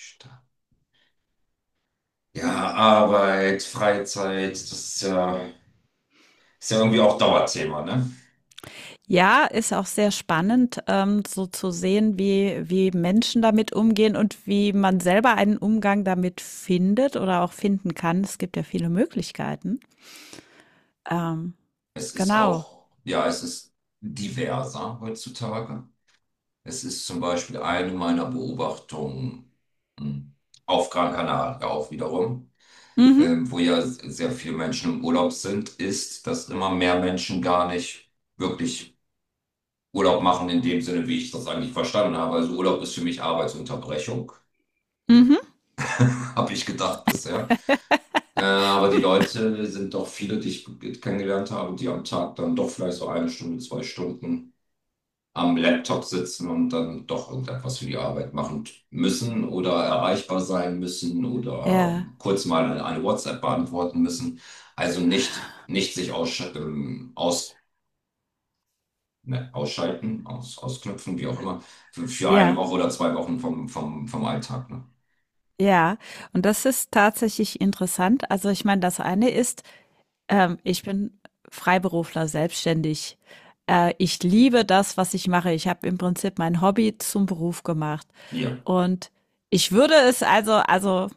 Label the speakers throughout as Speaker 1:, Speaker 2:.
Speaker 1: Sta- Ja, Arbeit, Freizeit, das ist ja irgendwie auch Dauerthema, ne?
Speaker 2: Ja, ist auch sehr spannend, so zu sehen, wie Menschen damit umgehen und wie man selber einen Umgang damit findet oder auch finden kann. Es gibt ja viele Möglichkeiten. Ähm, genau.
Speaker 1: Ja, es ist diverser heutzutage. Es ist zum Beispiel eine meiner Beobachtungen hm, auf Gran Canaria ja auch wiederum,
Speaker 2: Mhm.
Speaker 1: wo ja sehr viele Menschen im Urlaub sind, ist, dass immer mehr Menschen gar nicht wirklich Urlaub machen in dem Sinne, wie ich das eigentlich verstanden habe. Also Urlaub ist für mich Arbeitsunterbrechung,
Speaker 2: Mhm.
Speaker 1: habe ich gedacht bisher. Äh, aber die Leute sind doch viele, die ich kennengelernt habe, die am Tag dann doch vielleicht so eine Stunde, 2 Stunden am Laptop sitzen und dann doch irgendetwas für die Arbeit machen müssen oder erreichbar sein müssen oder
Speaker 2: Ja,
Speaker 1: kurz mal eine WhatsApp beantworten müssen. Also nicht sich ne, ausschalten, ausknüpfen, wie auch immer, für eine
Speaker 2: ja,
Speaker 1: Woche oder 2 Wochen vom Alltag. Ne?
Speaker 2: ja. Und das ist tatsächlich interessant. Also ich meine, das eine ist, ich bin Freiberufler, selbstständig. Ich liebe das, was ich mache. Ich habe im Prinzip mein Hobby zum Beruf gemacht.
Speaker 1: Ja,
Speaker 2: Und ich würde es also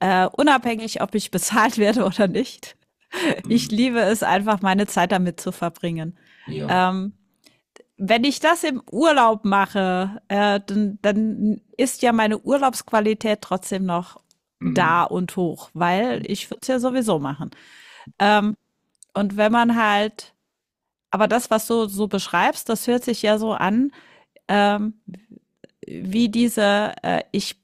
Speaker 2: unabhängig, ob ich bezahlt werde oder nicht, ich
Speaker 1: mm,
Speaker 2: liebe es einfach, meine Zeit damit zu verbringen.
Speaker 1: ja,
Speaker 2: Ähm, wenn ich das im Urlaub mache, dann ist ja meine Urlaubsqualität trotzdem noch da
Speaker 1: mm,
Speaker 2: und hoch, weil ich würde es ja sowieso machen. Ähm, und wenn man halt aber das, was du so beschreibst, das hört sich ja so an, ähm, wie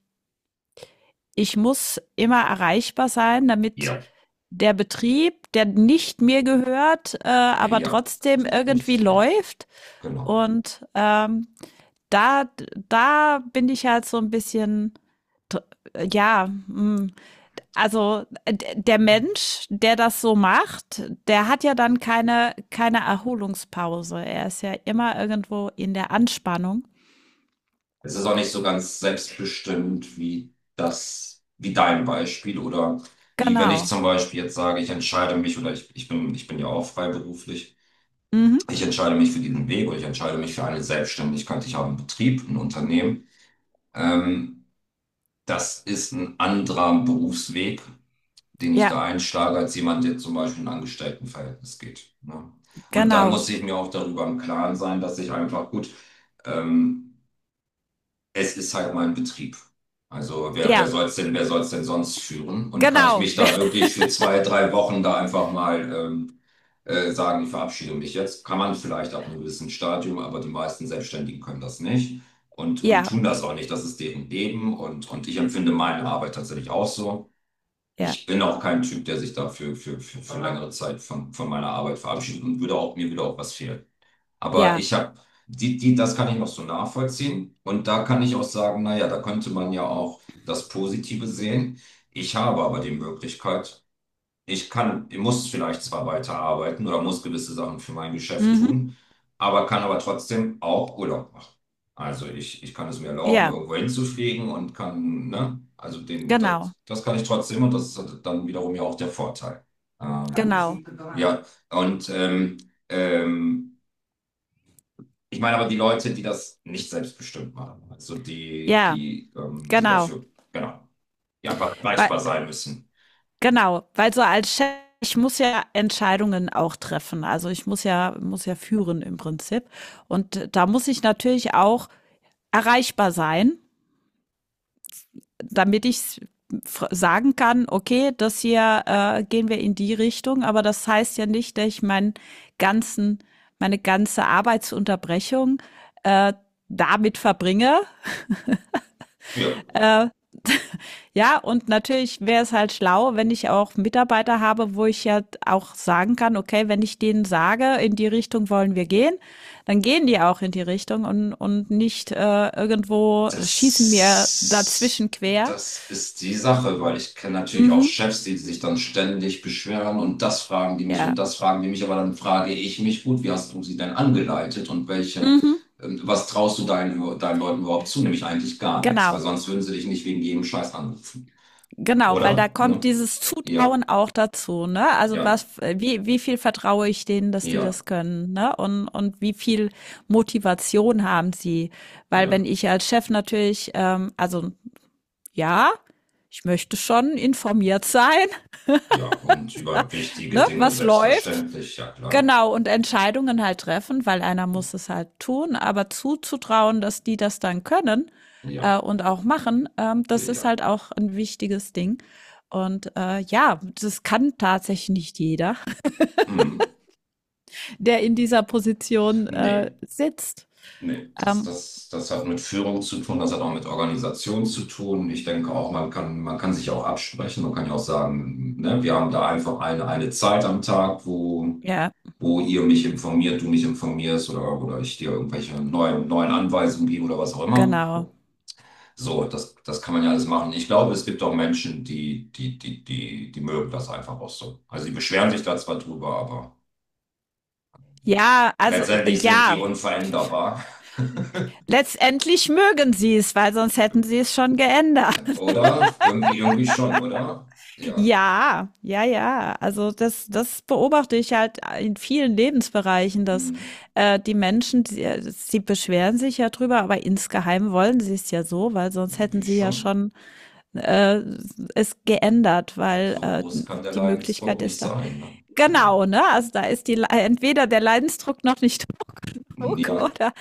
Speaker 2: ich muss immer erreichbar sein, damit
Speaker 1: ja,
Speaker 2: der Betrieb, der nicht mir gehört, aber
Speaker 1: ja,
Speaker 2: trotzdem irgendwie
Speaker 1: richtig, richtig.
Speaker 2: läuft.
Speaker 1: Genau.
Speaker 2: Und da, da bin ich halt so ein bisschen, ja, mm, also der
Speaker 1: Mhm.
Speaker 2: Mensch, der das so macht, der hat ja dann keine Erholungspause. Er ist ja immer irgendwo in der Anspannung.
Speaker 1: Es ist auch nicht so ganz selbstbestimmt wie das, wie dein Beispiel oder wie wenn ich
Speaker 2: Genau.
Speaker 1: zum Beispiel jetzt sage, ich entscheide mich oder ich bin ja auch freiberuflich,
Speaker 2: Mhm.
Speaker 1: ich entscheide mich für diesen Weg oder ich entscheide mich für eine Selbstständigkeit, ich habe einen Betrieb, ein Unternehmen. Ähm, das ist ein anderer Berufsweg, den ich
Speaker 2: Ja,
Speaker 1: da einschlage, als jemand, der zum Beispiel in ein Angestelltenverhältnis geht. Ne? Und dann
Speaker 2: genau.
Speaker 1: muss ich mir auch darüber im Klaren sein, dass ich einfach gut, ähm, Es ist halt mein Betrieb. Also
Speaker 2: Ja,
Speaker 1: wer soll es denn sonst führen? Und kann ich
Speaker 2: genau.
Speaker 1: mich da wirklich für 2, 3 Wochen da einfach mal sagen, ich verabschiede mich jetzt? Kann man vielleicht ab einem gewissen Stadium, aber die meisten Selbstständigen können das nicht und
Speaker 2: Ja,
Speaker 1: tun das auch nicht. Das ist deren Leben und ich empfinde meine Arbeit tatsächlich auch so.
Speaker 2: ja,
Speaker 1: Ich bin auch kein Typ, der sich für längere Zeit von meiner Arbeit verabschiedet und würde auch, mir würde auch was fehlen. Aber
Speaker 2: ja.
Speaker 1: ich habe, das kann ich noch so nachvollziehen. Und da kann ich auch sagen, naja, da könnte man ja auch das Positive sehen. Ich habe aber die Möglichkeit, ich muss vielleicht zwar weiterarbeiten oder muss gewisse Sachen für mein Geschäft
Speaker 2: Mhm.
Speaker 1: tun, aber kann aber trotzdem auch Urlaub machen. Also ich kann es mir erlauben,
Speaker 2: Ja,
Speaker 1: irgendwo hinzufliegen und kann, ne, also
Speaker 2: genau.
Speaker 1: das kann ich trotzdem und das ist halt dann wiederum ja auch der Vorteil. Ähm,
Speaker 2: Genau.
Speaker 1: ja, und ähm, ich meine aber die Leute, die das nicht selbstbestimmt machen, also
Speaker 2: Ja, genau.
Speaker 1: genau, die einfach
Speaker 2: Weil,
Speaker 1: erreichbar sein müssen.
Speaker 2: genau. Weil so als Chef, ich muss ja Entscheidungen auch treffen. Also ich muss ja führen im Prinzip. Und da muss ich natürlich auch erreichbar sein, damit ich sagen kann, okay, das hier gehen wir in die Richtung, aber das heißt ja nicht, dass ich ganzen, meine ganze Arbeitsunterbrechung äh, damit verbringe.
Speaker 1: Ja,
Speaker 2: Ja, und natürlich wäre es halt schlau, wenn ich auch Mitarbeiter habe, wo ich ja auch sagen kann, okay, wenn ich denen sage, in die Richtung wollen wir gehen, dann gehen die auch in die Richtung und nicht irgendwo schießen mir
Speaker 1: das,
Speaker 2: dazwischen quer.
Speaker 1: das ist die Sache, weil ich kenne natürlich auch
Speaker 2: Mhm.
Speaker 1: Chefs, die sich dann ständig beschweren und das fragen die mich
Speaker 2: Ja.
Speaker 1: und das fragen die mich, aber dann frage ich mich, gut, wie hast du sie denn angeleitet und
Speaker 2: Mhm.
Speaker 1: was traust du deinen Leuten überhaupt zu? Nämlich eigentlich gar nichts, weil
Speaker 2: Genau.
Speaker 1: sonst würden sie dich nicht wegen jedem Scheiß anrufen.
Speaker 2: Genau, weil da
Speaker 1: Oder?
Speaker 2: kommt
Speaker 1: Ne?
Speaker 2: dieses
Speaker 1: Ja,
Speaker 2: Zutrauen auch dazu, ne? Also
Speaker 1: ja,
Speaker 2: was, wie, wie viel vertraue ich denen, dass die
Speaker 1: ja,
Speaker 2: das können, ne? Und wie viel Motivation haben sie? Weil wenn
Speaker 1: ja.
Speaker 2: ich als Chef natürlich, also ja, ich möchte schon informiert sein,
Speaker 1: Ja, und über wichtige
Speaker 2: ne,
Speaker 1: Dinge
Speaker 2: was läuft,
Speaker 1: selbstverständlich, ja klar.
Speaker 2: genau, und Entscheidungen halt treffen, weil einer muss es halt tun, aber zuzutrauen, dass die das dann können,
Speaker 1: Ja,
Speaker 2: und auch machen,
Speaker 1: ja,
Speaker 2: das ist
Speaker 1: ja.
Speaker 2: halt auch ein wichtiges Ding. Und ja, das kann tatsächlich nicht jeder,
Speaker 1: Hm.
Speaker 2: der in dieser Position
Speaker 1: Nee,
Speaker 2: sitzt.
Speaker 1: nee. Das,
Speaker 2: Ähm,
Speaker 1: das, das hat mit Führung zu tun, das hat auch mit Organisation zu tun. Ich denke auch, man kann sich auch absprechen. Man kann ja auch sagen, ne, wir haben da einfach eine Zeit am Tag, wo,
Speaker 2: ja,
Speaker 1: wo ihr mich informiert, du mich informierst oder ich dir irgendwelche neuen Anweisungen gebe oder was auch immer.
Speaker 2: genau.
Speaker 1: So, das kann man ja alles machen. Ich glaube, es gibt auch Menschen, die mögen das einfach auch so. Also die beschweren sich da zwar drüber, aber
Speaker 2: Ja, also
Speaker 1: letztendlich sind die
Speaker 2: ja,
Speaker 1: unveränderbar.
Speaker 2: letztendlich mögen sie es, weil sonst hätten sie es schon geändert.
Speaker 1: Oder? Irgendwie schon, oder? Ja,
Speaker 2: Ja, ja, ja. Also das beobachte ich halt in vielen Lebensbereichen, dass
Speaker 1: hm,
Speaker 2: die Menschen, sie beschweren sich ja drüber, aber insgeheim wollen sie es ja so, weil sonst hätten
Speaker 1: irgendwie
Speaker 2: sie ja
Speaker 1: schon.
Speaker 2: schon äh, es geändert, weil
Speaker 1: So groß kann der
Speaker 2: die
Speaker 1: Leidensdruck
Speaker 2: Möglichkeit
Speaker 1: nicht
Speaker 2: ist da.
Speaker 1: sein. Ne? Genau.
Speaker 2: Genau, ne? Also da ist die Le- entweder der Leidensdruck noch nicht hoch genug
Speaker 1: Ja,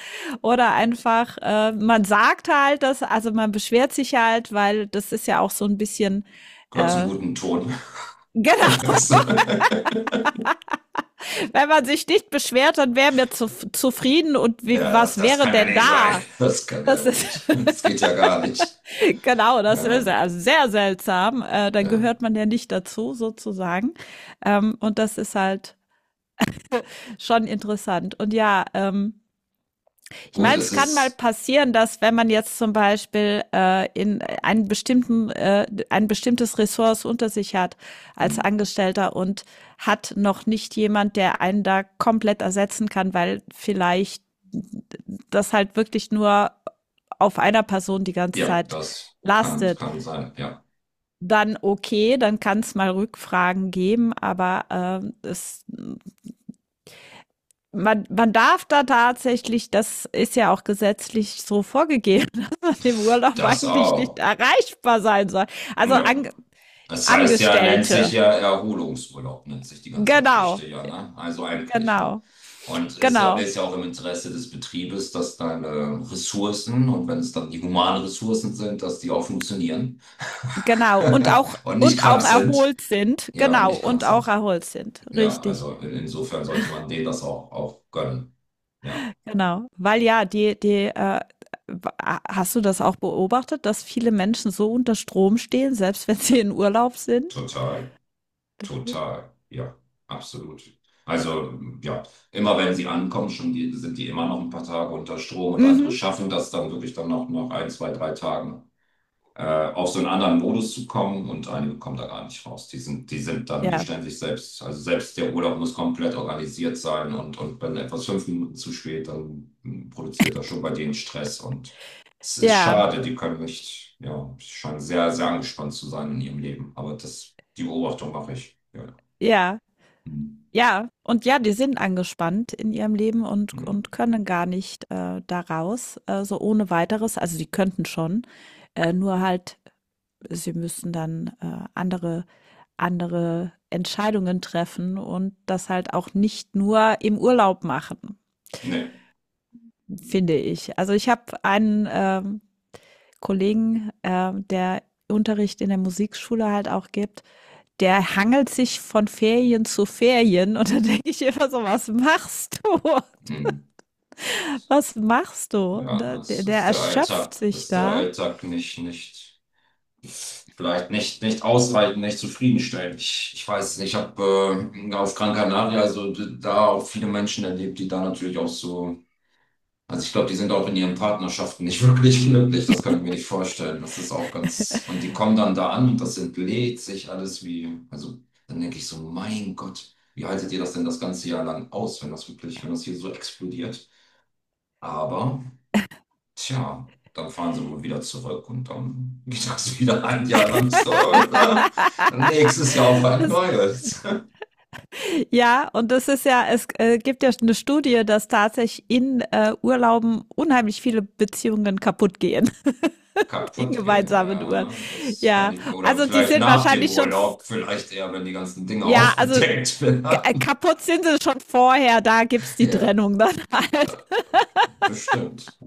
Speaker 2: oder einfach man sagt halt das, also man beschwert sich halt, weil das ist ja auch so ein bisschen
Speaker 1: gehört zum
Speaker 2: äh,
Speaker 1: guten Ton.
Speaker 2: genau. Wenn man sich nicht beschwert, dann wären wir zufrieden und wie,
Speaker 1: Ja, das,
Speaker 2: was
Speaker 1: das
Speaker 2: wäre
Speaker 1: kann ja
Speaker 2: denn
Speaker 1: nicht sein.
Speaker 2: da?
Speaker 1: Das kann ja
Speaker 2: Das
Speaker 1: wohl
Speaker 2: ist,
Speaker 1: nicht. Das geht ja gar nicht.
Speaker 2: genau, das ist
Speaker 1: Ja,
Speaker 2: ja sehr seltsam. Dann
Speaker 1: ja.
Speaker 2: gehört man ja nicht dazu, sozusagen. Und das ist halt schon interessant. Und ja, ich
Speaker 1: Gut,
Speaker 2: meine,
Speaker 1: es
Speaker 2: es kann mal
Speaker 1: ist.
Speaker 2: passieren, dass wenn man jetzt zum Beispiel ein bestimmtes Ressource unter sich hat als
Speaker 1: Hm.
Speaker 2: Angestellter und hat noch nicht jemand, der einen da komplett ersetzen kann, weil vielleicht das halt wirklich nur auf einer Person die ganze
Speaker 1: Ja,
Speaker 2: Zeit
Speaker 1: das kann,
Speaker 2: lastet,
Speaker 1: kann sein. Ja,
Speaker 2: dann okay, dann kann es mal Rückfragen geben, aber es man darf da tatsächlich, das ist ja auch gesetzlich so vorgegeben, dass man im Urlaub
Speaker 1: das
Speaker 2: eigentlich nicht
Speaker 1: auch.
Speaker 2: erreichbar sein soll. Also
Speaker 1: Ja.
Speaker 2: an,
Speaker 1: Das heißt ja, nennt sich
Speaker 2: Angestellte.
Speaker 1: ja Erholungsurlaub, nennt sich die ganze Geschichte
Speaker 2: Genau,
Speaker 1: ja, ne? Also eigentlich, ne?
Speaker 2: genau,
Speaker 1: Und ist ja,
Speaker 2: genau,
Speaker 1: ist ja auch im Interesse des Betriebes, dass deine Ressourcen, und wenn es dann die humanen Ressourcen sind, dass die auch funktionieren
Speaker 2: genau.
Speaker 1: und nicht
Speaker 2: Und
Speaker 1: krank
Speaker 2: auch
Speaker 1: sind.
Speaker 2: erholt sind.
Speaker 1: Ja, und
Speaker 2: Genau,
Speaker 1: nicht krank
Speaker 2: und auch
Speaker 1: sind.
Speaker 2: erholt sind.
Speaker 1: Ja,
Speaker 2: Richtig,
Speaker 1: also insofern sollte man denen das auch gönnen. Ja,
Speaker 2: genau. Weil ja, hast du das auch beobachtet, dass viele Menschen so unter Strom stehen, selbst wenn sie in Urlaub sind?
Speaker 1: total. Total, ja, absolut. Also, ja, immer wenn sie ankommen, schon sind die immer noch ein paar Tage unter Strom und andere
Speaker 2: Mhm.
Speaker 1: schaffen das dann wirklich dann noch nach ein, zwei, drei Tagen äh, auf so einen anderen Modus zu kommen und einige kommen da gar nicht raus. Die
Speaker 2: Ja,
Speaker 1: stellen sich selbst, also selbst der Urlaub muss komplett organisiert sein und wenn etwas 5 Minuten zu spät, dann produziert das schon bei denen Stress und es ist
Speaker 2: ja,
Speaker 1: schade, die können nicht, ja, scheinen sehr, sehr angespannt zu sein in ihrem Leben, aber die Beobachtung mache ich. Ja.
Speaker 2: ja.
Speaker 1: Hm,
Speaker 2: Ja, und ja, die sind angespannt in ihrem Leben und
Speaker 1: hm.
Speaker 2: können gar nicht, da raus, so ohne Weiteres. Also, die könnten schon, nur halt, sie müssen dann, andere Entscheidungen treffen und das halt auch nicht nur im Urlaub machen,
Speaker 1: Nee.
Speaker 2: finde ich. Also, ich habe einen, Kollegen, der Unterricht in der Musikschule halt auch gibt, der hangelt sich von Ferien zu Ferien und dann denke ich immer so: „Was machst du?“
Speaker 1: Hm.
Speaker 2: Was machst du?
Speaker 1: Ja, das
Speaker 2: Der
Speaker 1: ist der
Speaker 2: erschöpft
Speaker 1: Alltag, Das
Speaker 2: sich
Speaker 1: ist der
Speaker 2: da.
Speaker 1: Alltag nicht, vielleicht nicht, nicht ausreichend, nicht zufriedenstellend. Ich weiß es nicht. Ich habe auf Gran Canaria, also da auch viele Menschen erlebt, die da natürlich auch so, also ich glaube, die sind auch in ihren Partnerschaften nicht wirklich glücklich. Das kann ich mir nicht vorstellen. Das ist auch ganz, und die kommen dann da an und das entlädt sich alles wie, also dann denke ich so, mein Gott. Wie haltet ihr das denn das ganze Jahr lang aus, wenn das hier so explodiert? Aber, tja, dann fahren sie wohl wieder zurück und dann geht das wieder ein Jahr lang so. Nächstes Jahr auf ein
Speaker 2: das,
Speaker 1: neues.
Speaker 2: ja, und das ist ja, es gibt ja eine Studie, dass tatsächlich in Urlauben unheimlich viele Beziehungen kaputt gehen, in
Speaker 1: Kaputt gehen,
Speaker 2: gemeinsamen Uhren.
Speaker 1: ja, das kann
Speaker 2: Ja,
Speaker 1: ich, oder
Speaker 2: also die
Speaker 1: vielleicht
Speaker 2: sind
Speaker 1: nach dem
Speaker 2: wahrscheinlich schon,
Speaker 1: Urlaub, vielleicht eher, wenn die ganzen Dinge
Speaker 2: ja, also
Speaker 1: aufgedeckt werden.
Speaker 2: kaputt sind sie schon vorher, da gibt's die
Speaker 1: Ja,
Speaker 2: Trennung dann halt.
Speaker 1: bestimmt.